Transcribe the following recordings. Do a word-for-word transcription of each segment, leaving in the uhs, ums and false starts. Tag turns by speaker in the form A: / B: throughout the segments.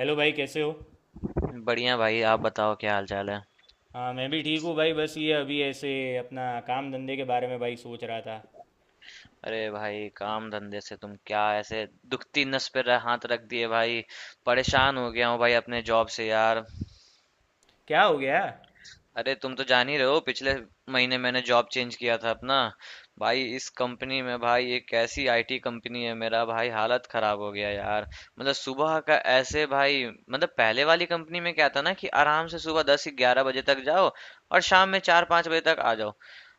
A: Hello भाई, कैसे हो?
B: बढ़िया भाई। आप बताओ क्या हाल चाल है।
A: हाँ, मैं भी ठीक हूँ भाई, बस ये अभी ऐसे अपना काम धंधे के बारे में भाई सोच रहा था।
B: अरे भाई, काम धंधे से तुम क्या ऐसे दुखती नस पे रह- हाथ रख दिए भाई। परेशान हो गया हूँ भाई अपने जॉब से यार।
A: क्या हो गया?
B: अरे तुम तो जान ही रहे हो, पिछले महीने मैंने जॉब चेंज किया था अपना। भाई इस कंपनी में, भाई एक ऐसी आईटी कंपनी है, मेरा भाई हालत खराब हो गया यार। मतलब सुबह का ऐसे भाई, मतलब पहले वाली कंपनी में क्या था ना कि आराम से सुबह दस ग्यारह बजे तक जाओ और शाम में चार पाँच बजे तक आ जाओ।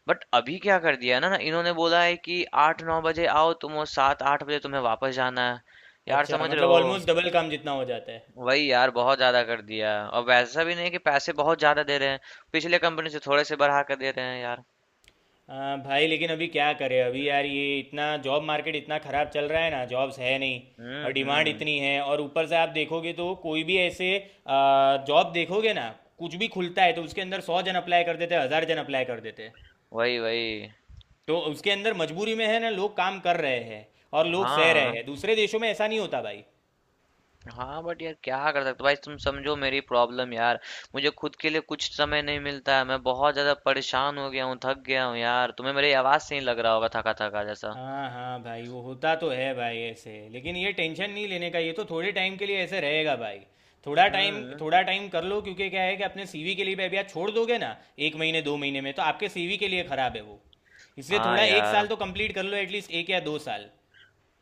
B: बट अभी क्या कर दिया है ना ना इन्होंने बोला है कि आठ नौ बजे आओ तुम, वो सात आठ बजे तुम्हें वापस जाना है यार,
A: अच्छा,
B: समझ रहे
A: मतलब
B: हो।
A: ऑलमोस्ट डबल काम जितना हो जाता है।
B: वही यार, बहुत ज्यादा कर दिया। और वैसा भी नहीं कि पैसे बहुत ज्यादा दे रहे हैं, पिछले कंपनी से थोड़े से बढ़ा कर दे रहे हैं यार।
A: हाँ, भाई लेकिन अभी क्या करें, अभी यार ये इतना जॉब मार्केट इतना ख़राब चल रहा है ना, जॉब्स है नहीं। और
B: हम्म
A: डिमांड
B: हम्म।
A: इतनी है, और ऊपर से आप देखोगे तो कोई भी ऐसे जॉब देखोगे ना, कुछ भी खुलता है तो उसके अंदर सौ जन अप्लाई कर देते हैं, हज़ार जन अप्लाई कर देते हैं।
B: वही वही।
A: तो उसके अंदर मजबूरी में है ना, लोग काम कर रहे हैं, और लोग सह रहे
B: हाँ
A: हैं। दूसरे देशों में ऐसा नहीं होता भाई।
B: हाँ, बट यार क्या कर सकते हो भाई। तुम समझो मेरी प्रॉब्लम यार, मुझे खुद के लिए कुछ समय नहीं मिलता है। मैं बहुत ज्यादा परेशान हो गया हूँ, थक गया हूँ यार, तुम्हें मेरी आवाज से ही लग रहा होगा थका थका जैसा।
A: हाँ हाँ भाई, वो होता तो है भाई ऐसे, लेकिन ये टेंशन नहीं लेने का, ये तो थोड़े टाइम के लिए ऐसे रहेगा भाई। थोड़ा टाइम
B: हम्म।
A: थोड़ा टाइम कर लो, क्योंकि क्या है कि अपने सीवी के लिए भी अभी आप छोड़ दोगे ना, एक महीने दो महीने में, तो आपके सीवी के लिए खराब है वो। इसलिए
B: हाँ
A: थोड़ा एक
B: यार।
A: साल तो कंप्लीट कर लो, एटलीस्ट एक या दो साल।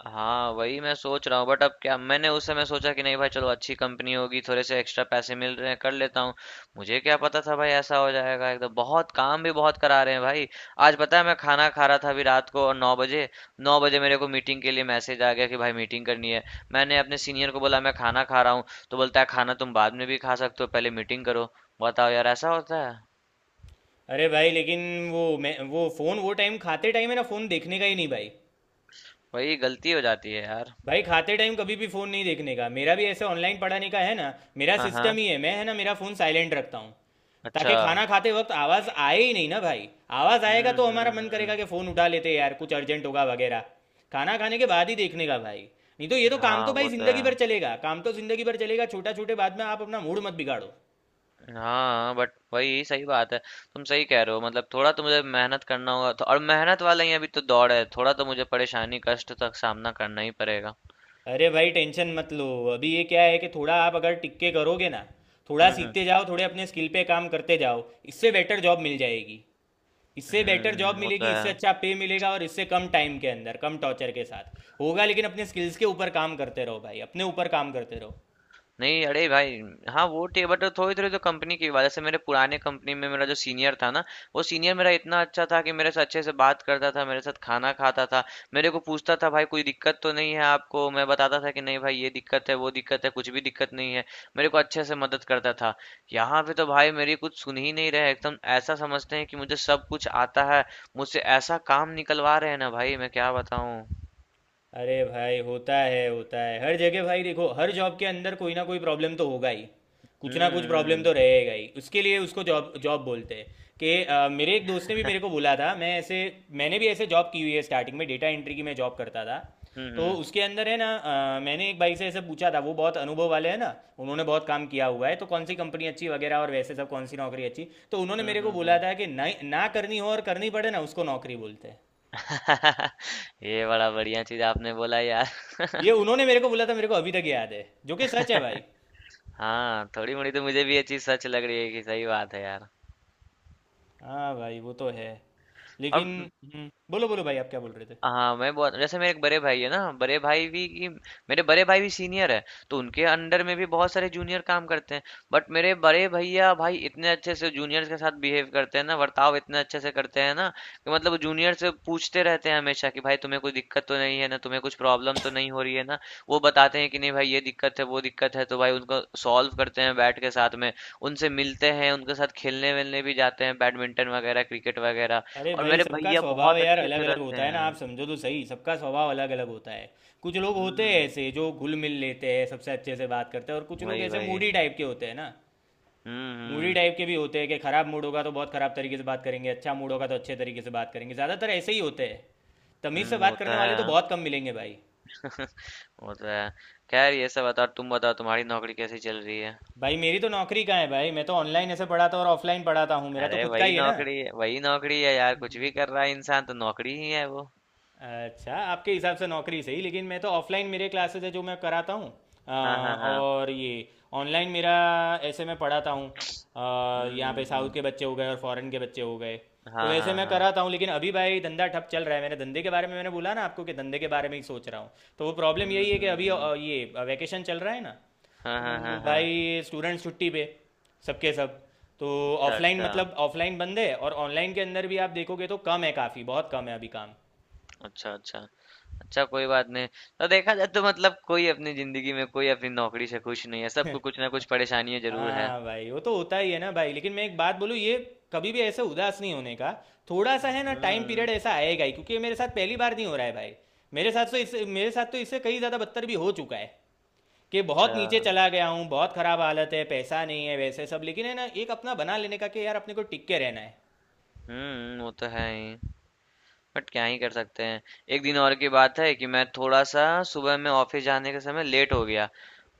B: हाँ, वही मैं सोच रहा हूँ। बट अब क्या, मैंने उस समय सोचा कि नहीं भाई चलो अच्छी कंपनी होगी, थोड़े से एक्स्ट्रा पैसे मिल रहे हैं, कर लेता हूँ। मुझे क्या पता था भाई ऐसा हो जाएगा, एकदम बहुत काम भी बहुत करा रहे हैं भाई। आज पता है मैं खाना खा रहा था अभी रात को, और नौ बजे, नौ बजे मेरे को मीटिंग के लिए मैसेज आ गया कि भाई मीटिंग करनी है। मैंने अपने सीनियर को बोला मैं खाना खा रहा हूँ, तो बोलता है खाना तुम बाद में भी खा सकते हो, पहले मीटिंग करो। बताओ यार ऐसा होता है।
A: अरे भाई, लेकिन वो मैं वो फ़ोन वो टाइम खाते टाइम है ना, फ़ोन देखने का ही नहीं भाई।
B: वही, गलती हो जाती है यार।
A: भाई खाते टाइम कभी भी फ़ोन नहीं देखने का, मेरा भी ऐसे ऑनलाइन पढ़ाने का है ना, मेरा
B: हाँ
A: सिस्टम
B: हाँ।
A: ही है, मैं है ना मेरा फ़ोन साइलेंट रखता हूँ।
B: अच्छा।
A: ताकि खाना खाते वक्त आवाज आए ही नहीं ना भाई। आवाज आएगा
B: हम्म
A: तो हमारा
B: हम्म
A: मन
B: हम्म।
A: करेगा कि फोन उठा लेते, यार कुछ अर्जेंट होगा वगैरह। खाना खाने के बाद ही देखने का भाई। नहीं तो ये तो काम
B: हाँ
A: तो भाई
B: वो तो
A: जिंदगी भर
B: है।
A: चलेगा, काम तो जिंदगी भर चलेगा, छोटा छोटे बाद में आप अपना मूड मत बिगाड़ो।
B: हाँ बट वही सही बात है, तुम सही कह रहे हो। मतलब थोड़ा तो मुझे मेहनत करना होगा तो, और मेहनत वाला ही अभी तो दौड़ है, थोड़ा तो मुझे परेशानी कष्ट तक सामना करना ही पड़ेगा।
A: अरे भाई, टेंशन मत लो। अभी ये क्या है कि थोड़ा आप अगर टिक के करोगे ना, थोड़ा
B: हम्म हम्म
A: सीखते जाओ, थोड़े अपने स्किल पे काम करते जाओ। इससे बेटर जॉब मिल जाएगी। इससे बेटर जॉब
B: हम्म, वो तो
A: मिलेगी, इससे
B: है।
A: अच्छा पे मिलेगा, और इससे कम टाइम के अंदर, कम टॉर्चर के साथ होगा। लेकिन अपने स्किल्स के ऊपर काम करते रहो भाई, अपने ऊपर काम करते रहो।
B: नहीं अरे भाई। हाँ वो टे, बट थोड़ी थोड़ी तो कंपनी की बात, जैसे मेरे पुराने कंपनी में मेरा जो सीनियर था ना, वो सीनियर मेरा इतना अच्छा था कि मेरे से अच्छे से बात करता था, मेरे साथ खाना खाता था। मेरे को पूछता था भाई कोई दिक्कत तो नहीं है आपको, मैं बताता था कि नहीं भाई ये दिक्कत है वो दिक्कत है, कुछ भी दिक्कत नहीं है। मेरे को अच्छे से मदद करता था। यहाँ पे तो भाई मेरी कुछ सुन ही नहीं रहे, एकदम ऐसा समझते हैं कि मुझे सब कुछ आता है, मुझसे ऐसा काम निकलवा रहे हैं ना भाई, मैं क्या बताऊँ।
A: अरे भाई, होता है, होता है हर जगह भाई। देखो, हर जॉब के अंदर कोई ना कोई प्रॉब्लम तो होगा ही, कुछ ना कुछ प्रॉब्लम तो
B: हम्म
A: रहेगा ही। उसके लिए उसको जॉब जॉब बोलते हैं। कि अ, मेरे एक दोस्त ने भी मेरे को बोला था, मैं ऐसे मैंने भी ऐसे जॉब की हुई है, स्टार्टिंग में डेटा एंट्री की मैं जॉब करता था।
B: हम्म
A: तो
B: हम्म
A: उसके अंदर है ना, अ, मैंने एक भाई से ऐसे पूछा था, वो बहुत अनुभव वाले हैं ना, उन्होंने बहुत काम किया हुआ है, तो कौन सी कंपनी अच्छी वगैरह, और वैसे सब कौन सी नौकरी अच्छी, तो उन्होंने
B: हम्म
A: मेरे
B: हम्म
A: को
B: हम्म, हम्म। हम्म, हम्म, हम्म, हम्म,
A: बोला
B: हम्म।
A: था कि ना ना करनी हो और करनी पड़े ना, उसको नौकरी बोलते हैं।
B: ये बड़ा बढ़िया चीज आपने बोला यार।
A: ये उन्होंने मेरे को बोला था, मेरे को अभी तक याद है, जो कि सच है भाई।
B: हाँ, थोड़ी-मोड़ी तो मुझे भी ये चीज़ सच लग रही है, कि सही बात है यार।
A: हाँ भाई वो तो है,
B: और
A: लेकिन
B: उम,
A: हम्म, बोलो बोलो भाई, आप क्या बोल रहे थे?
B: हाँ मैं, बहुत जैसे मेरे एक बड़े भाई है ना, बड़े भाई भी की मेरे बड़े भाई भी सीनियर है, तो उनके अंडर में भी बहुत सारे जूनियर काम करते हैं। बट मेरे बड़े भैया भाई इतने अच्छे से जूनियर्स के साथ बिहेव करते हैं ना, वर्ताव इतने अच्छे से करते हैं ना, कि मतलब जूनियर से पूछते रहते हैं हमेशा कि भाई तुम्हें कोई दिक्कत तो नहीं है ना, तुम्हें कुछ प्रॉब्लम तो नहीं हो रही है ना। वो बताते हैं कि नहीं भाई ये दिक्कत है वो दिक्कत है, तो भाई उनको सॉल्व करते हैं बैठ के साथ में। उनसे मिलते हैं, उनके साथ खेलने वेलने भी जाते हैं, बैडमिंटन वगैरह, क्रिकेट वगैरह।
A: अरे
B: और
A: भाई,
B: मेरे
A: सबका
B: भैया
A: स्वभाव
B: बहुत
A: यार
B: अच्छे
A: अलग
B: से
A: अलग
B: रहते
A: होता है ना, आप
B: हैं।
A: समझो तो सही, सबका स्वभाव अलग अलग होता है। कुछ लोग होते हैं
B: हम्म।
A: ऐसे जो घुल मिल लेते हैं, सबसे अच्छे से बात करते हैं, और कुछ लोग
B: वही
A: ऐसे
B: वही।
A: मूडी टाइप के होते हैं ना।
B: हम्म
A: मूडी
B: हम्म
A: टाइप के भी होते हैं कि खराब मूड होगा तो बहुत खराब तरीके से बात करेंगे, अच्छा मूड होगा तो अच्छे तरीके से बात करेंगे। ज़्यादातर ऐसे ही होते हैं, तमीज़ से
B: हम्म,
A: बात
B: होता
A: करने वाले तो
B: है,
A: बहुत कम मिलेंगे भाई।
B: होता है। खैर ये सब बताओ, तुम बताओ तुम्हारी नौकरी कैसी चल रही है।
A: भाई मेरी तो नौकरी का है भाई, मैं तो ऑनलाइन ऐसे पढ़ाता और ऑफलाइन पढ़ाता हूँ, मेरा तो
B: अरे
A: खुद का
B: वही
A: ही है ना।
B: नौकरी है, वही नौकरी है यार, कुछ भी कर रहा है इंसान तो नौकरी ही है वो।
A: अच्छा, आपके हिसाब से नौकरी सही, लेकिन मैं तो ऑफलाइन मेरे क्लासेस है जो मैं कराता हूँ। अ,
B: हाँ हाँ हाँ।
A: और ये ऑनलाइन मेरा ऐसे मैं पढ़ाता हूँ। अ,
B: हम्म
A: यहाँ पे
B: हम्म
A: साउथ
B: हम्म।
A: के बच्चे हो गए, और फॉरेन के बच्चे हो गए। तो
B: हाँ
A: वैसे
B: हाँ
A: मैं
B: हाँ।
A: कराता हूँ, लेकिन अभी भाई धंधा ठप चल रहा है। मैंने धंधे के बारे में मैंने बोला ना आपको, कि धंधे के बारे में ही सोच रहा हूँ। तो वो प्रॉब्लम
B: हम्म
A: यही है कि
B: हम्म
A: अभी
B: हम्म।
A: अ, ये वैकेशन चल रहा है ना।
B: हाँ हाँ हाँ
A: तो
B: हाँ।
A: भाई स्टूडेंट छुट्टी पे, सबके सब। तो
B: अच्छा
A: ऑफलाइन
B: अच्छा।
A: मतलब ऑफलाइन बंद है, और ऑनलाइन के अंदर भी आप देखोगे तो कम है, काफ़ी बहुत कम है अभी काम।
B: अच्छा अच्छा। अच्छा कोई बात नहीं। तो देखा जाए तो मतलब, कोई अपनी जिंदगी में कोई अपनी नौकरी से खुश नहीं है, सबको कुछ ना कुछ परेशानियां जरूर है।
A: हाँ भाई, वो तो होता ही है ना भाई, लेकिन मैं एक बात बोलूँ, ये कभी भी ऐसे उदास नहीं होने का। थोड़ा सा है ना टाइम पीरियड
B: हम्म।
A: ऐसा आएगा ही, क्योंकि ये मेरे साथ पहली बार नहीं हो रहा है भाई। मेरे साथ तो इससे मेरे साथ तो इससे कई ज़्यादा बदतर भी हो चुका है। कि
B: अच्छा।
A: बहुत नीचे चला गया हूँ, बहुत खराब हालत है, पैसा नहीं है, वैसे सब, लेकिन है ना एक अपना बना लेने का कि यार अपने को टिक के रहना है।
B: हम्म, वो तो है ही। बट क्या ही कर सकते हैं। एक दिन और की बात है कि मैं थोड़ा सा सुबह में ऑफिस जाने के समय लेट हो गया,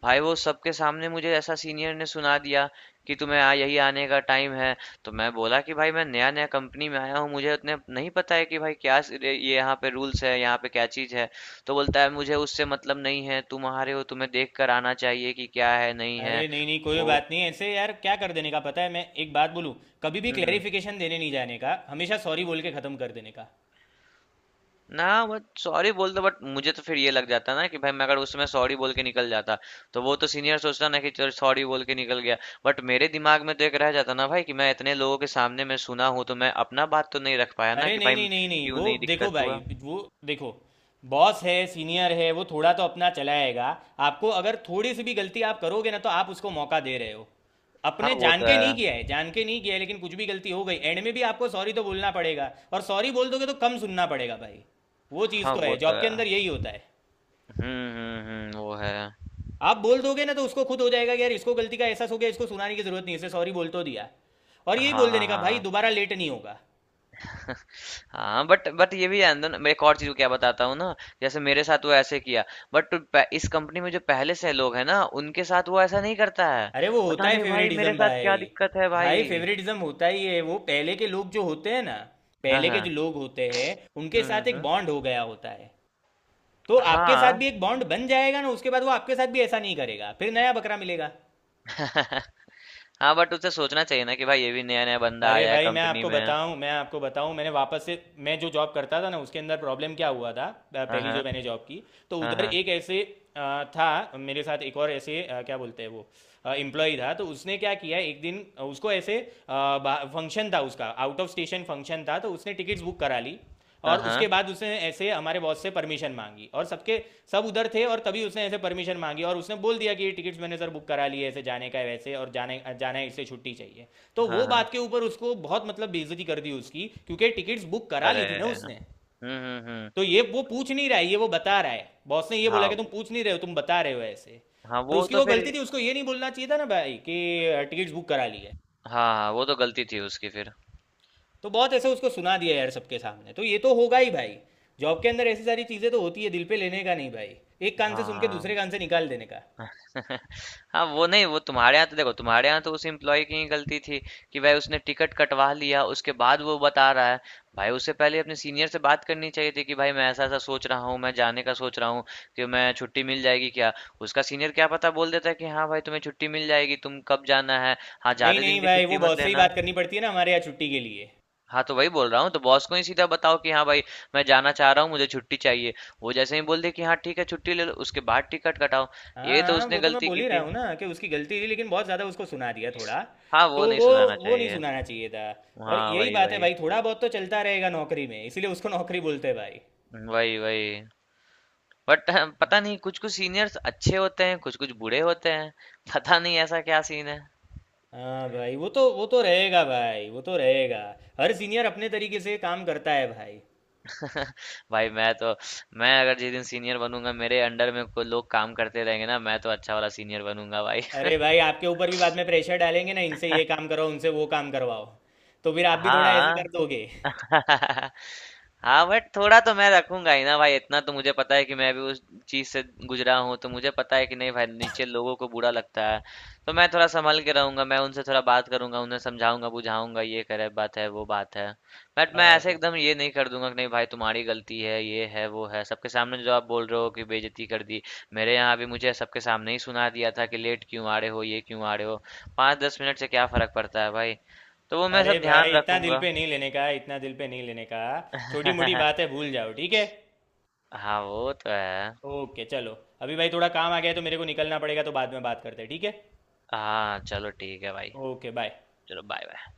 B: भाई वो सबके सामने मुझे ऐसा सीनियर ने सुना दिया कि तुम्हें आ यही आने का टाइम है। तो मैं बोला कि भाई मैं नया नया कंपनी में आया हूँ, मुझे उतने नहीं पता है कि भाई क्या स- ये ये यहाँ पे रूल्स है, यहाँ पे क्या चीज़ है। तो बोलता है मुझे उससे मतलब नहीं है, तुम आ रहे हो तुम्हें देख कर आना चाहिए कि क्या है नहीं है।
A: अरे नहीं नहीं, कोई
B: वो
A: बात नहीं ऐसे यार, क्या कर देने का, पता है मैं एक बात बोलूँ? कभी भी
B: हम्म हम्म।
A: क्लेरिफिकेशन देने नहीं जाने का, हमेशा सॉरी बोल के ख़त्म कर देने का।
B: ना वो सॉरी बोलता, बट मुझे तो फिर ये लग जाता ना कि भाई मैं अगर उस समय सॉरी बोल के निकल जाता, तो वो तो सीनियर सोचता ना कि चल सॉरी बोल के निकल गया। बट मेरे दिमाग में तो एक रह जाता ना भाई कि मैं इतने लोगों के सामने मैं सुना हूँ, तो मैं अपना बात तो नहीं रख पाया ना
A: अरे
B: कि
A: नहीं
B: भाई
A: नहीं नहीं नहीं,
B: क्यों
A: वो
B: नहीं
A: देखो
B: दिक्कत हुआ।
A: भाई, वो देखो, बॉस है, सीनियर है, वो थोड़ा तो अपना चलाएगा। आपको अगर थोड़ी सी भी गलती आप करोगे ना, तो आप उसको मौका दे रहे हो।
B: हाँ
A: अपने
B: वो
A: जान
B: तो
A: के नहीं किया
B: है।
A: है, जान के नहीं किया है, लेकिन कुछ भी गलती हो गई एंड में भी, आपको सॉरी तो बोलना पड़ेगा, और सॉरी बोल दोगे तो कम सुनना पड़ेगा भाई। वो चीज़
B: हाँ
A: तो है,
B: वो तो
A: जॉब के
B: है।
A: अंदर यही होता है।
B: हम्म हम्म हम्म वो है।
A: आप बोल दोगे ना, तो उसको खुद हो जाएगा कि यार इसको गलती का एहसास हो गया, इसको सुनाने की जरूरत नहीं है, इसे सॉरी बोल तो दिया। और यही
B: हाँ
A: बोल
B: हाँ
A: देने का भाई,
B: हाँ।
A: दोबारा लेट नहीं होगा।
B: हाँ बट बट ये भी आनंद, मैं एक और चीज क्या बताता हूँ ना, जैसे मेरे साथ वो ऐसे किया, बट इस कंपनी में जो पहले से लोग हैं ना उनके साथ वो ऐसा नहीं करता है।
A: अरे वो होता
B: पता
A: है
B: नहीं भाई मेरे
A: फेवरेटिज्म
B: साथ
A: भाई।
B: क्या दिक्कत है
A: भाई
B: भाई।
A: फेवरेटिज्म होता ही है, वो पहले के लोग जो होते हैं ना,
B: हाँ
A: पहले के
B: हाँ।
A: जो लोग होते हैं, उनके
B: हम्म हम्म
A: साथ एक
B: हम्म।
A: बॉन्ड हो गया होता है। तो आपके साथ
B: हाँ
A: भी एक बॉन्ड बन जाएगा ना, उसके बाद वो आपके साथ भी ऐसा नहीं करेगा, फिर नया बकरा मिलेगा।
B: हाँ बट उसे सोचना चाहिए ना कि भाई ये भी नया नया बंदा
A: अरे
B: आया है
A: भाई मैं
B: कंपनी
A: आपको
B: में।
A: बताऊं, मैं आपको बताऊं मैंने वापस से मैं जो जॉब करता था ना, उसके अंदर प्रॉब्लम क्या हुआ था। अ,
B: हाँ
A: पहली जो
B: हाँ
A: मैंने जॉब की, तो
B: हाँ
A: उधर
B: हाँ।
A: एक ऐसे अ, था मेरे साथ, एक और ऐसे अ, क्या बोलते हैं वो, एम्प्लॉय था। तो उसने क्या किया एक दिन, उसको ऐसे फंक्शन था उसका, आउट ऑफ स्टेशन फंक्शन था, तो उसने टिकट्स बुक करा ली।
B: हाँ
A: और उसके
B: हाँ
A: बाद उसने ऐसे हमारे बॉस से परमिशन मांगी, और सबके सब उधर थे, और तभी उसने ऐसे परमिशन मांगी, और उसने बोल दिया कि ये टिकट्स मैंने सर बुक करा लिए, ऐसे जाने का है वैसे, और जाने जाना है, इससे छुट्टी चाहिए। तो
B: हाँ
A: वो
B: हाँ।
A: बात के ऊपर उसको बहुत मतलब बेइज्जती कर दी उसकी, क्योंकि टिकट्स बुक करा
B: अरे।
A: ली थी ना
B: हम्म।
A: उसने।
B: हम्म हम्म।
A: तो ये वो पूछ नहीं रहा है, ये वो बता रहा है, बॉस ने ये बोला
B: हाँ।
A: कि तुम पूछ नहीं रहे हो, तुम बता रहे हो ऐसे।
B: हाँ
A: और
B: वो
A: उसकी
B: तो
A: वो
B: फिर।
A: गलती थी, उसको ये नहीं बोलना चाहिए था ना भाई कि टिकट्स बुक करा ली है।
B: हाँ हाँ, वो तो गलती थी उसकी फिर।
A: तो बहुत ऐसे उसको सुना दिया यार सबके सामने, तो ये तो होगा ही भाई। जॉब के अंदर ऐसी सारी चीज़ें तो होती है, दिल पे लेने का नहीं भाई। एक कान से सुन के
B: हाँ
A: दूसरे कान से निकाल देने का।
B: हाँ, वो नहीं, वो तुम्हारे यहाँ तो देखो, तुम्हारे यहाँ तो उस एम्प्लॉय की ही गलती थी कि भाई उसने टिकट कटवा लिया उसके बाद वो बता रहा है। भाई उससे पहले अपने सीनियर से बात करनी चाहिए थी कि भाई मैं ऐसा ऐसा सोच रहा हूँ, मैं जाने का सोच रहा हूँ, कि मैं छुट्टी मिल जाएगी क्या। उसका सीनियर क्या पता बोल देता है कि हाँ भाई तुम्हें छुट्टी मिल जाएगी, तुम कब जाना है, हाँ
A: नहीं
B: ज्यादा दिन
A: नहीं
B: की
A: भाई,
B: छुट्टी
A: वो
B: मत
A: बॉस से ही
B: लेना।
A: बात करनी पड़ती है ना, हमारे यहाँ छुट्टी के लिए।
B: हाँ तो वही बोल रहा हूँ, तो बॉस को ही सीधा बताओ कि हाँ भाई मैं जाना चाह रहा हूँ, मुझे छुट्टी चाहिए। वो जैसे ही बोल दे कि हाँ ठीक है छुट्टी ले लो, उसके बाद टिकट कटाओ।
A: हाँ
B: ये तो
A: हाँ,
B: उसने
A: वो तो मैं
B: गलती
A: बोल
B: की
A: ही रहा
B: थी।
A: हूँ ना कि उसकी गलती थी, लेकिन बहुत ज़्यादा उसको सुना दिया थोड़ा।
B: हाँ
A: तो
B: वो नहीं
A: वो
B: सुनाना
A: वो नहीं
B: चाहिए।
A: सुनाना चाहिए था। और
B: हाँ
A: यही
B: वही
A: बात है
B: वही।
A: भाई, थोड़ा बहुत तो चलता रहेगा नौकरी में, इसीलिए उसको नौकरी बोलते हैं भाई।
B: वही वही। बट पता नहीं कुछ कुछ सीनियर्स अच्छे होते हैं, कुछ कुछ बुरे होते हैं, पता नहीं ऐसा क्या सीन है।
A: हाँ भाई, वो तो वो तो रहेगा भाई, वो तो रहेगा। हर सीनियर अपने तरीके से काम करता है भाई।
B: भाई मैं तो, मैं अगर जिस दिन सीनियर बनूंगा, मेरे अंडर में को लोग काम करते रहेंगे ना, मैं तो अच्छा वाला सीनियर बनूंगा भाई।
A: अरे भाई, आपके ऊपर भी बाद में प्रेशर डालेंगे ना, इनसे ये काम करो, उनसे वो काम करवाओ, तो फिर आप भी थोड़ा ऐसे
B: हाँ
A: कर दोगे।
B: हाँ बट थोड़ा तो मैं रखूंगा ही ना भाई, इतना तो मुझे पता है कि मैं भी उस चीज से गुजरा हूँ, तो मुझे पता है कि नहीं भाई नीचे लोगों को बुरा लगता है। तो मैं थोड़ा संभल के रहूंगा, मैं उनसे थोड़ा बात करूंगा, उन्हें समझाऊंगा बुझाऊंगा, ये करे बात है वो बात है। बट मैं ऐसे
A: अच्छा।
B: एकदम ये नहीं कर दूंगा कि नहीं भाई तुम्हारी गलती है ये है वो है, सबके सामने जो आप बोल रहे हो कि बेइज्जती कर दी। मेरे यहाँ भी मुझे सबके सामने ही सुना दिया था कि लेट क्यों आ रहे हो, ये क्यों आ रहे हो, पाँच दस मिनट से क्या फर्क पड़ता है भाई। तो वो मैं
A: अरे
B: सब ध्यान
A: भाई, इतना दिल
B: रखूंगा।
A: पे नहीं लेने का, इतना दिल पे नहीं लेने का। छोटी मोटी बातें भूल जाओ, ठीक है।
B: हाँ वो तो है।
A: ओके चलो, अभी भाई थोड़ा काम आ गया है, तो मेरे को निकलना पड़ेगा, तो बाद में बात करते हैं, ठीक है।
B: हाँ चलो ठीक है भाई।
A: Okay bye.
B: चलो बाय बाय।